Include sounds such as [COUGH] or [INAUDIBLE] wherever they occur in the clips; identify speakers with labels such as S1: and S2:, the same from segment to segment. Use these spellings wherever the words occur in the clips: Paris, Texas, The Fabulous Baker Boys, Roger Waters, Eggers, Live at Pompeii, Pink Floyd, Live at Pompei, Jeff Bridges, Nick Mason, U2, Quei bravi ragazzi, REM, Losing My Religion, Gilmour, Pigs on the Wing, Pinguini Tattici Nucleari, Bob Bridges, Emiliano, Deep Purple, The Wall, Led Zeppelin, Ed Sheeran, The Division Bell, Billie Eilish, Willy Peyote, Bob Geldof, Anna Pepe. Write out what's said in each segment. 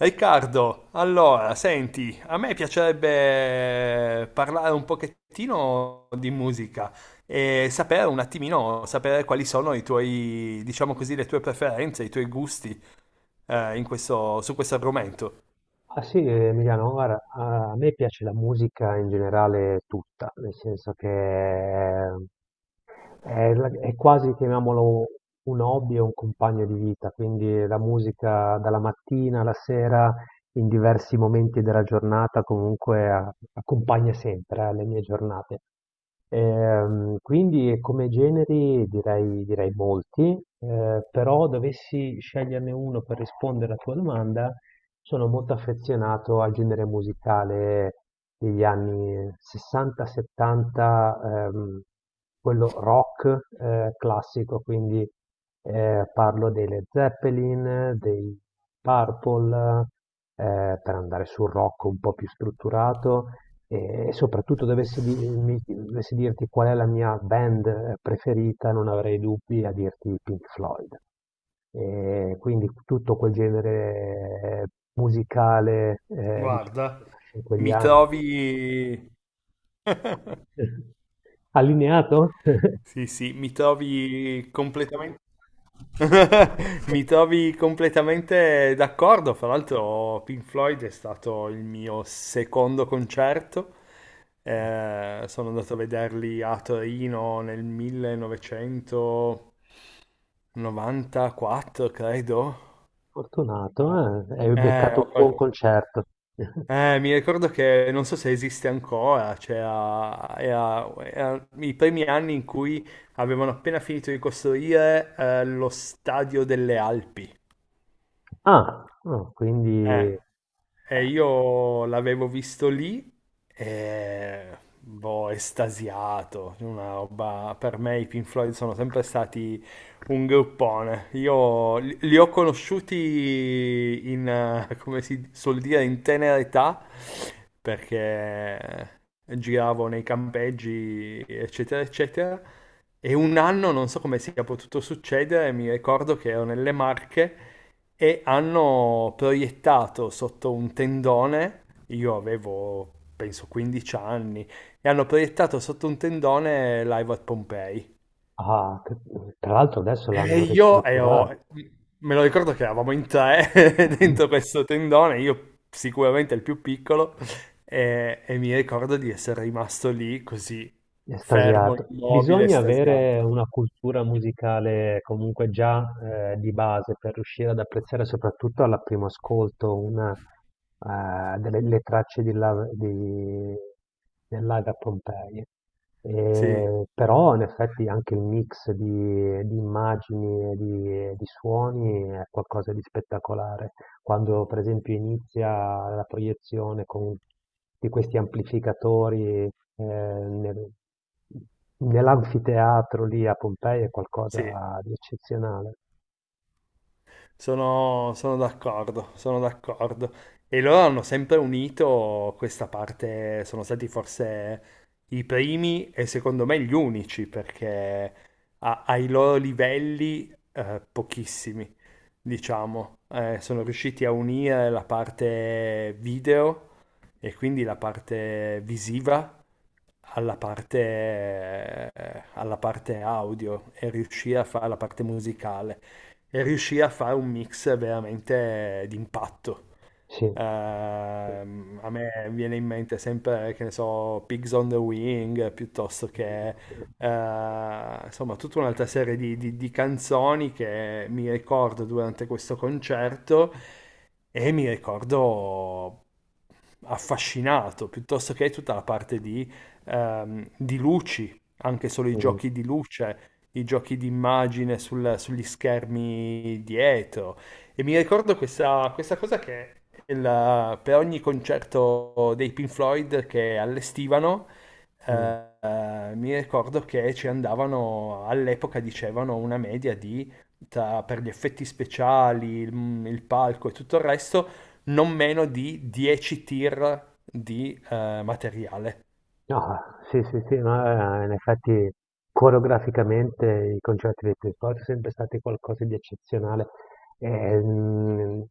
S1: Riccardo, allora, senti, a me piacerebbe parlare un pochettino di musica e sapere un attimino, sapere quali sono i tuoi, diciamo così, le tue preferenze, i tuoi gusti in questo, su questo argomento.
S2: Ah sì, Emiliano, guarda, a me piace la musica in generale tutta, nel senso che è quasi, chiamiamolo, un hobby o un compagno di vita, quindi la musica dalla mattina alla sera, in diversi momenti della giornata, comunque accompagna sempre, le mie giornate. Quindi come generi direi molti, però dovessi sceglierne uno per rispondere alla tua domanda, sono molto affezionato al genere musicale degli anni 60-70, quello rock classico. Quindi parlo dei Led Zeppelin, dei Purple, per andare sul rock un po' più strutturato e soprattutto dovessi dirti qual è la mia band preferita, non avrei dubbi a dirti Pink Floyd. E quindi tutto quel genere musicale, diciamo, che
S1: Guarda,
S2: nasce in quegli
S1: mi
S2: anni.
S1: trovi... [LAUGHS]
S2: [LAUGHS] Allineato?
S1: Sì, sì, [LAUGHS] Mi trovi completamente d'accordo. Fra l'altro, Pink Floyd è stato il mio secondo concerto.
S2: [LAUGHS]
S1: Sono andato a vederli a Torino nel 1994, credo.
S2: Fortunato, hai
S1: Eh,
S2: beccato
S1: ho
S2: un buon
S1: qual-
S2: concerto. [LAUGHS]
S1: Mi ricordo che non so se esiste ancora, cioè era i primi anni in cui avevano appena finito di costruire lo stadio delle Alpi.
S2: Ah, no, quindi,
S1: Eh, io l'avevo visto lì e boh, estasiato, una roba, per me i Pink Floyd sono sempre stati un gruppone. Io li ho conosciuti in, come si suol dire, in tenera età, perché giravo nei campeggi, eccetera, eccetera. E un anno, non so come sia potuto succedere, mi ricordo che ero nelle Marche e hanno proiettato sotto un tendone, io avevo penso 15 anni, e hanno proiettato sotto un tendone Live at Pompei.
S2: ah, che- tra l'altro adesso
S1: E
S2: l'hanno
S1: io
S2: ristrutturato.
S1: ero, Me lo ricordo che eravamo in tre [LAUGHS] dentro
S2: [CLEARS THROAT]
S1: questo tendone, io sicuramente il più piccolo, e mi ricordo di essere rimasto lì così, fermo,
S2: Estasiato.
S1: immobile,
S2: Bisogna avere
S1: estasiato.
S2: una cultura musicale comunque già di base per riuscire ad apprezzare soprattutto al primo ascolto delle le tracce del Live a Pompeii.
S1: Sì,
S2: E però in effetti anche il mix di immagini e di suoni è qualcosa di spettacolare. Quando per esempio inizia la proiezione di questi amplificatori nell'anfiteatro lì a Pompei è
S1: sì.
S2: qualcosa di eccezionale.
S1: Sono d'accordo, sono d'accordo. E loro hanno sempre unito questa parte, sono stati forse i primi e secondo me gli unici, perché ai loro livelli pochissimi, diciamo, sono riusciti a unire la parte video e quindi la parte visiva alla parte audio e riuscì a fare la parte musicale e riuscì a fare un mix veramente d'impatto.
S2: Sì. Sì.
S1: A me viene in mente sempre, che ne so, Pigs on the Wing piuttosto che insomma tutta un'altra serie di canzoni che mi ricordo durante questo concerto e mi ricordo affascinato, piuttosto che tutta la parte di luci, anche solo i
S2: Mm,
S1: giochi di luce, i giochi di immagine sugli schermi dietro. E mi ricordo questa, questa cosa che per ogni concerto dei Pink Floyd che allestivano,
S2: mm.
S1: mi ricordo che ci andavano, all'epoca dicevano una media di, per gli effetti speciali, il palco e tutto il resto, non meno di 10 tir di materiale.
S2: No, sì, sì, sì, no, in effetti coreograficamente i concerti dei Pink Floyd sono sempre stati qualcosa di eccezionale. ehm,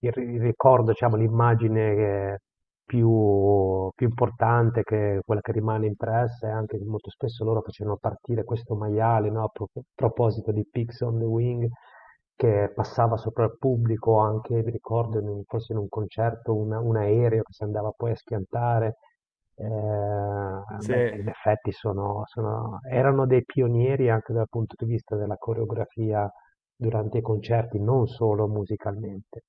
S2: il ricordo, diciamo, l'immagine più importante, che quella che rimane impressa, è anche che molto spesso loro facevano partire questo maiale, no, a proposito di Pigs on the Wing, che passava sopra il pubblico, anche, mi ricordo, forse in un concerto, un aereo che si andava poi a schiantare.
S1: Sì,
S2: Beh, in effetti erano dei pionieri anche dal punto di vista della coreografia durante i concerti, non solo musicalmente.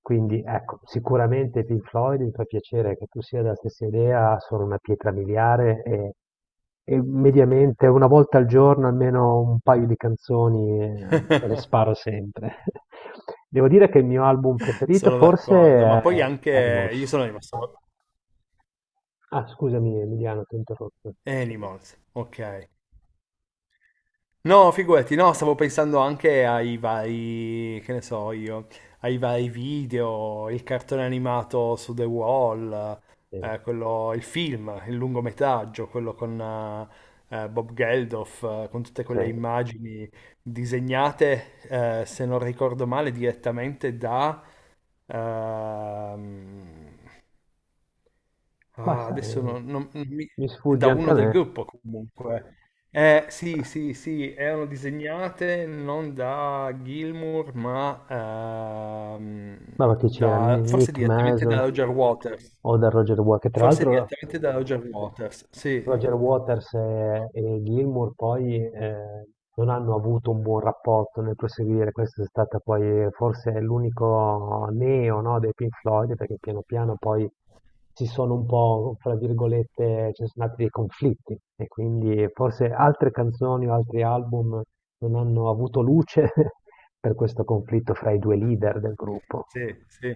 S2: Quindi ecco, sicuramente i Pink Floyd, mi fa piacere che tu sia della stessa idea, sono una pietra miliare e mediamente una volta al giorno almeno un paio di canzoni me le sparo
S1: [LAUGHS]
S2: sempre. [LAUGHS] Devo dire che il mio album preferito
S1: sono
S2: forse
S1: d'accordo, ma
S2: è
S1: poi anche io
S2: Animals.
S1: sono rimasto.
S2: Ah, scusami Emiliano, ti ho interrotto. Sì.
S1: Animals, ok. No, figurati, no, stavo pensando anche ai vari, che ne so io, ai vari video, il cartone animato su The Wall,
S2: Sì,
S1: quello, il film, il lungometraggio, quello con Bob Geldof, con tutte
S2: sì.
S1: quelle immagini disegnate, se non ricordo male, direttamente da, ehm, Ah,
S2: Basta,
S1: adesso non, non- non mi-
S2: mi
S1: da
S2: sfugge anche
S1: uno
S2: a
S1: del
S2: me.
S1: gruppo comunque. Sì, sì, sì, erano disegnate non da Gilmour, ma ehm,
S2: Ma va, chi c'era?
S1: forse
S2: Nick
S1: direttamente
S2: Mason,
S1: da Roger Waters.
S2: Oda Roger Waters, che tra
S1: Forse
S2: l'altro
S1: direttamente da Roger Waters. Sì,
S2: Roger Waters e Gilmour poi non hanno avuto un buon rapporto nel proseguire. Questa è stata poi forse l'unico neo, no, dei Pink Floyd, perché piano piano poi si sono un po', fra virgolette, ci sono stati dei conflitti e quindi forse altre canzoni o altri album non hanno avuto luce [LAUGHS] per questo conflitto fra i due leader del gruppo.
S1: sì, sì,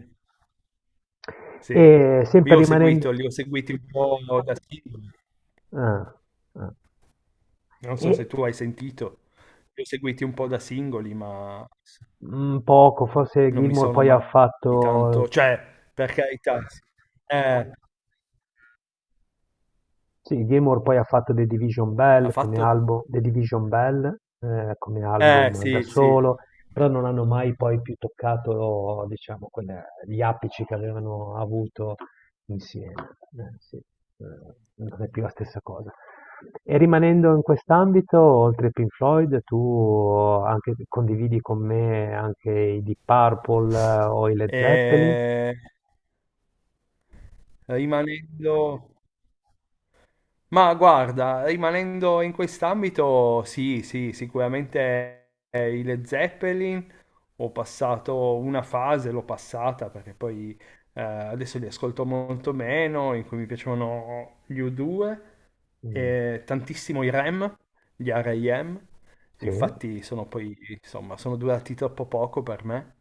S2: E
S1: sì.
S2: sempre
S1: Io ho
S2: rimanendo.
S1: seguito, li ho seguiti un po' da singoli.
S2: Ah, ah.
S1: Non
S2: E,
S1: so se tu hai sentito. Li ho seguiti un po' da singoli, ma
S2: mhmm, poco, forse
S1: non mi
S2: Gilmour
S1: sono
S2: poi ha fatto.
S1: mai tanto, cioè, per carità, sì. eh,
S2: Sì, Gilmour poi ha fatto
S1: Ha fatto?
S2: The Division Bell, come album da
S1: Sì, sì.
S2: solo, però non hanno mai poi più toccato, diciamo, gli apici che avevano avuto insieme. Sì, non è più la stessa cosa. E rimanendo in quest'ambito, oltre ai Pink Floyd, tu condividi con me anche i Deep Purple o i Led Zeppelin?
S1: Eh, rimanendo, Ma guarda, rimanendo in quest'ambito, sì, sì, sicuramente i Led Zeppelin ho passato una fase, l'ho passata perché poi adesso li ascolto molto meno, in cui mi piacevano gli U2
S2: Mm,
S1: e tantissimo i REM, gli R.E.M.
S2: sì.
S1: Infatti sono poi, insomma, sono durati troppo poco per me.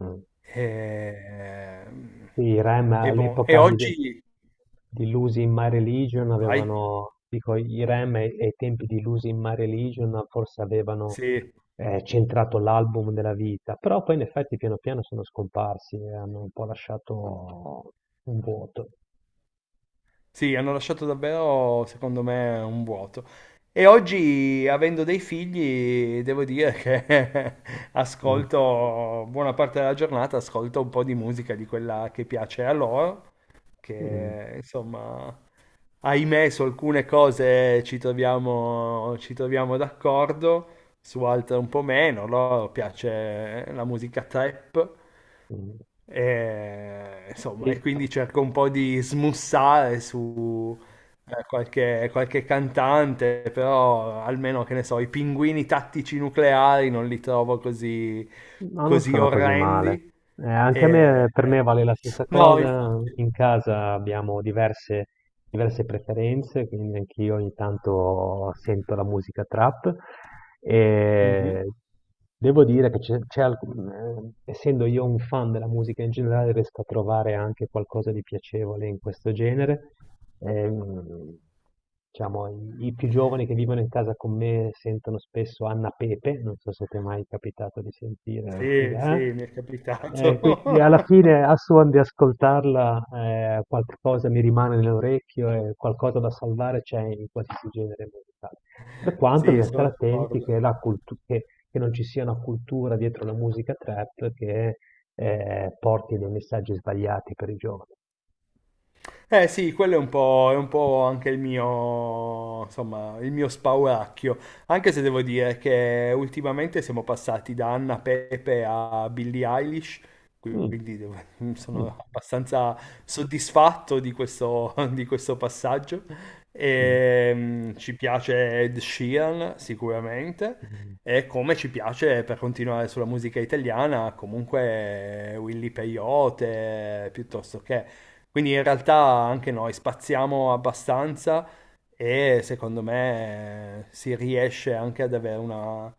S2: Mm.
S1: E, ehm,
S2: Sì, i REM
S1: e boh, e
S2: all'epoca di,
S1: oggi.
S2: di Losing My Religion
S1: Vai,
S2: avevano, dico, i Rem ai tempi di Losing My Religion forse avevano
S1: sì.
S2: centrato l'album della vita, però poi in effetti piano piano sono scomparsi e hanno un po' lasciato un vuoto.
S1: Sì, hanno lasciato davvero, secondo me, un vuoto. E oggi, avendo dei figli, devo dire che [LAUGHS]
S2: Mm,
S1: ascolto buona parte della giornata, ascolto un po' di musica di quella che piace a loro,
S2: mm,
S1: che insomma, ahimè, su alcune cose ci troviamo d'accordo, su altre un po' meno. A loro piace la musica trap,
S2: mm.
S1: e, insomma, e
S2: E-
S1: quindi cerco un po' di smussare su qualche cantante, però almeno che ne so, i pinguini tattici nucleari non li trovo così,
S2: no, non
S1: così
S2: sono così male.
S1: orrendi.
S2: Anche a
S1: E...
S2: me, per me vale la stessa
S1: No,
S2: cosa.
S1: infatti.
S2: In casa abbiamo diverse preferenze, quindi anch'io ogni tanto sento la musica trap
S1: Mhm.
S2: e devo dire che essendo io un fan della musica in generale, riesco a trovare anche qualcosa di piacevole in questo genere. Ehm, diciamo, i più giovani che vivono in casa con me sentono spesso Anna Pepe, non so se ti è mai capitato di sentire chi
S1: Sì, sì,
S2: è.
S1: mi è capitato.
S2: Quindi alla
S1: [LAUGHS]
S2: fine, a suon di ascoltarla, qualcosa mi rimane nell'orecchio e qualcosa da salvare c'è in qualsiasi genere musicale. Per quanto
S1: Sì,
S2: bisogna
S1: sono
S2: stare attenti che,
S1: d'accordo.
S2: che non ci sia una cultura dietro la musica trap che porti dei messaggi sbagliati per i giovani.
S1: Eh sì, quello è un po' anche il mio, insomma, il mio spauracchio, anche se devo dire che ultimamente siamo passati da Anna Pepe a Billie Eilish,
S2: Mm,
S1: quindi [LAUGHS]
S2: mm,
S1: sono abbastanza soddisfatto di questo, [LAUGHS] di questo passaggio.
S2: mm,
S1: Ci piace Ed Sheeran sicuramente,
S2: mm,
S1: e come ci piace per continuare sulla musica italiana, comunque Willy Peyote, piuttosto che. Quindi in realtà anche noi spaziamo abbastanza e secondo me si riesce anche ad avere una,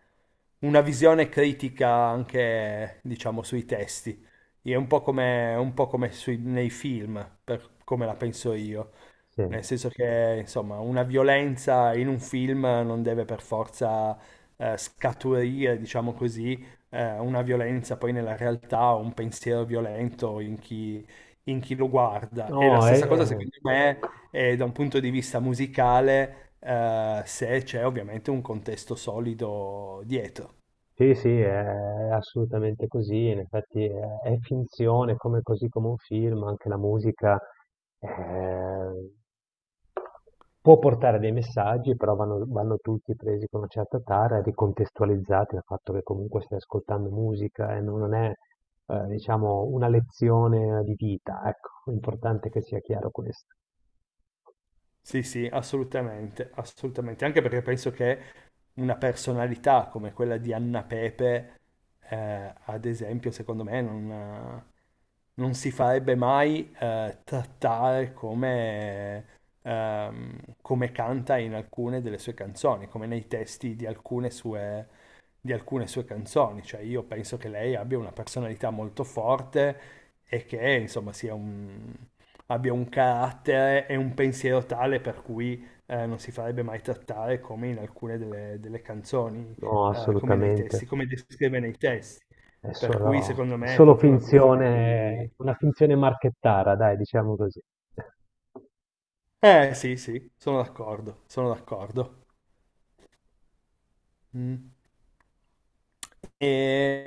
S1: una visione critica anche, diciamo, sui testi. È un po' come nei film, per come la penso io.
S2: sì.
S1: Nel senso che, insomma, una violenza in un film non deve per forza scaturire, diciamo così, una violenza poi nella realtà o un pensiero violento in chi, lo guarda. E la
S2: No,
S1: stessa cosa,
S2: eh.
S1: secondo me, è da un punto di vista musicale, se c'è ovviamente un contesto solido dietro.
S2: Sì, sì, è assolutamente così, in effetti è finzione, come, così come un film, anche la musica eh, può portare dei messaggi, però vanno, vanno tutti presi con una certa tara e ricontestualizzati dal fatto che comunque stai ascoltando musica e non è, diciamo, una lezione di vita, ecco, è importante che sia chiaro questo.
S1: Sì, sì, assolutamente, assolutamente. Anche perché penso che una personalità come quella di Anna Pepe, ad esempio, secondo me non si farebbe mai trattare come canta in alcune delle sue canzoni, come nei testi di alcune sue canzoni. Cioè, io penso che lei abbia una personalità molto forte e che, insomma, abbia un carattere e un pensiero tale per cui non si farebbe mai trattare come in alcune delle canzoni,
S2: No,
S1: come nei
S2: assolutamente.
S1: testi, come descrive nei testi.
S2: È
S1: Per cui
S2: solo,
S1: secondo
S2: è
S1: me è
S2: solo
S1: proprio una questione di.
S2: finzione, una finzione marchettara, dai, diciamo così.
S1: Eh sì, sì, sono d'accordo, sono d'accordo. Mm. E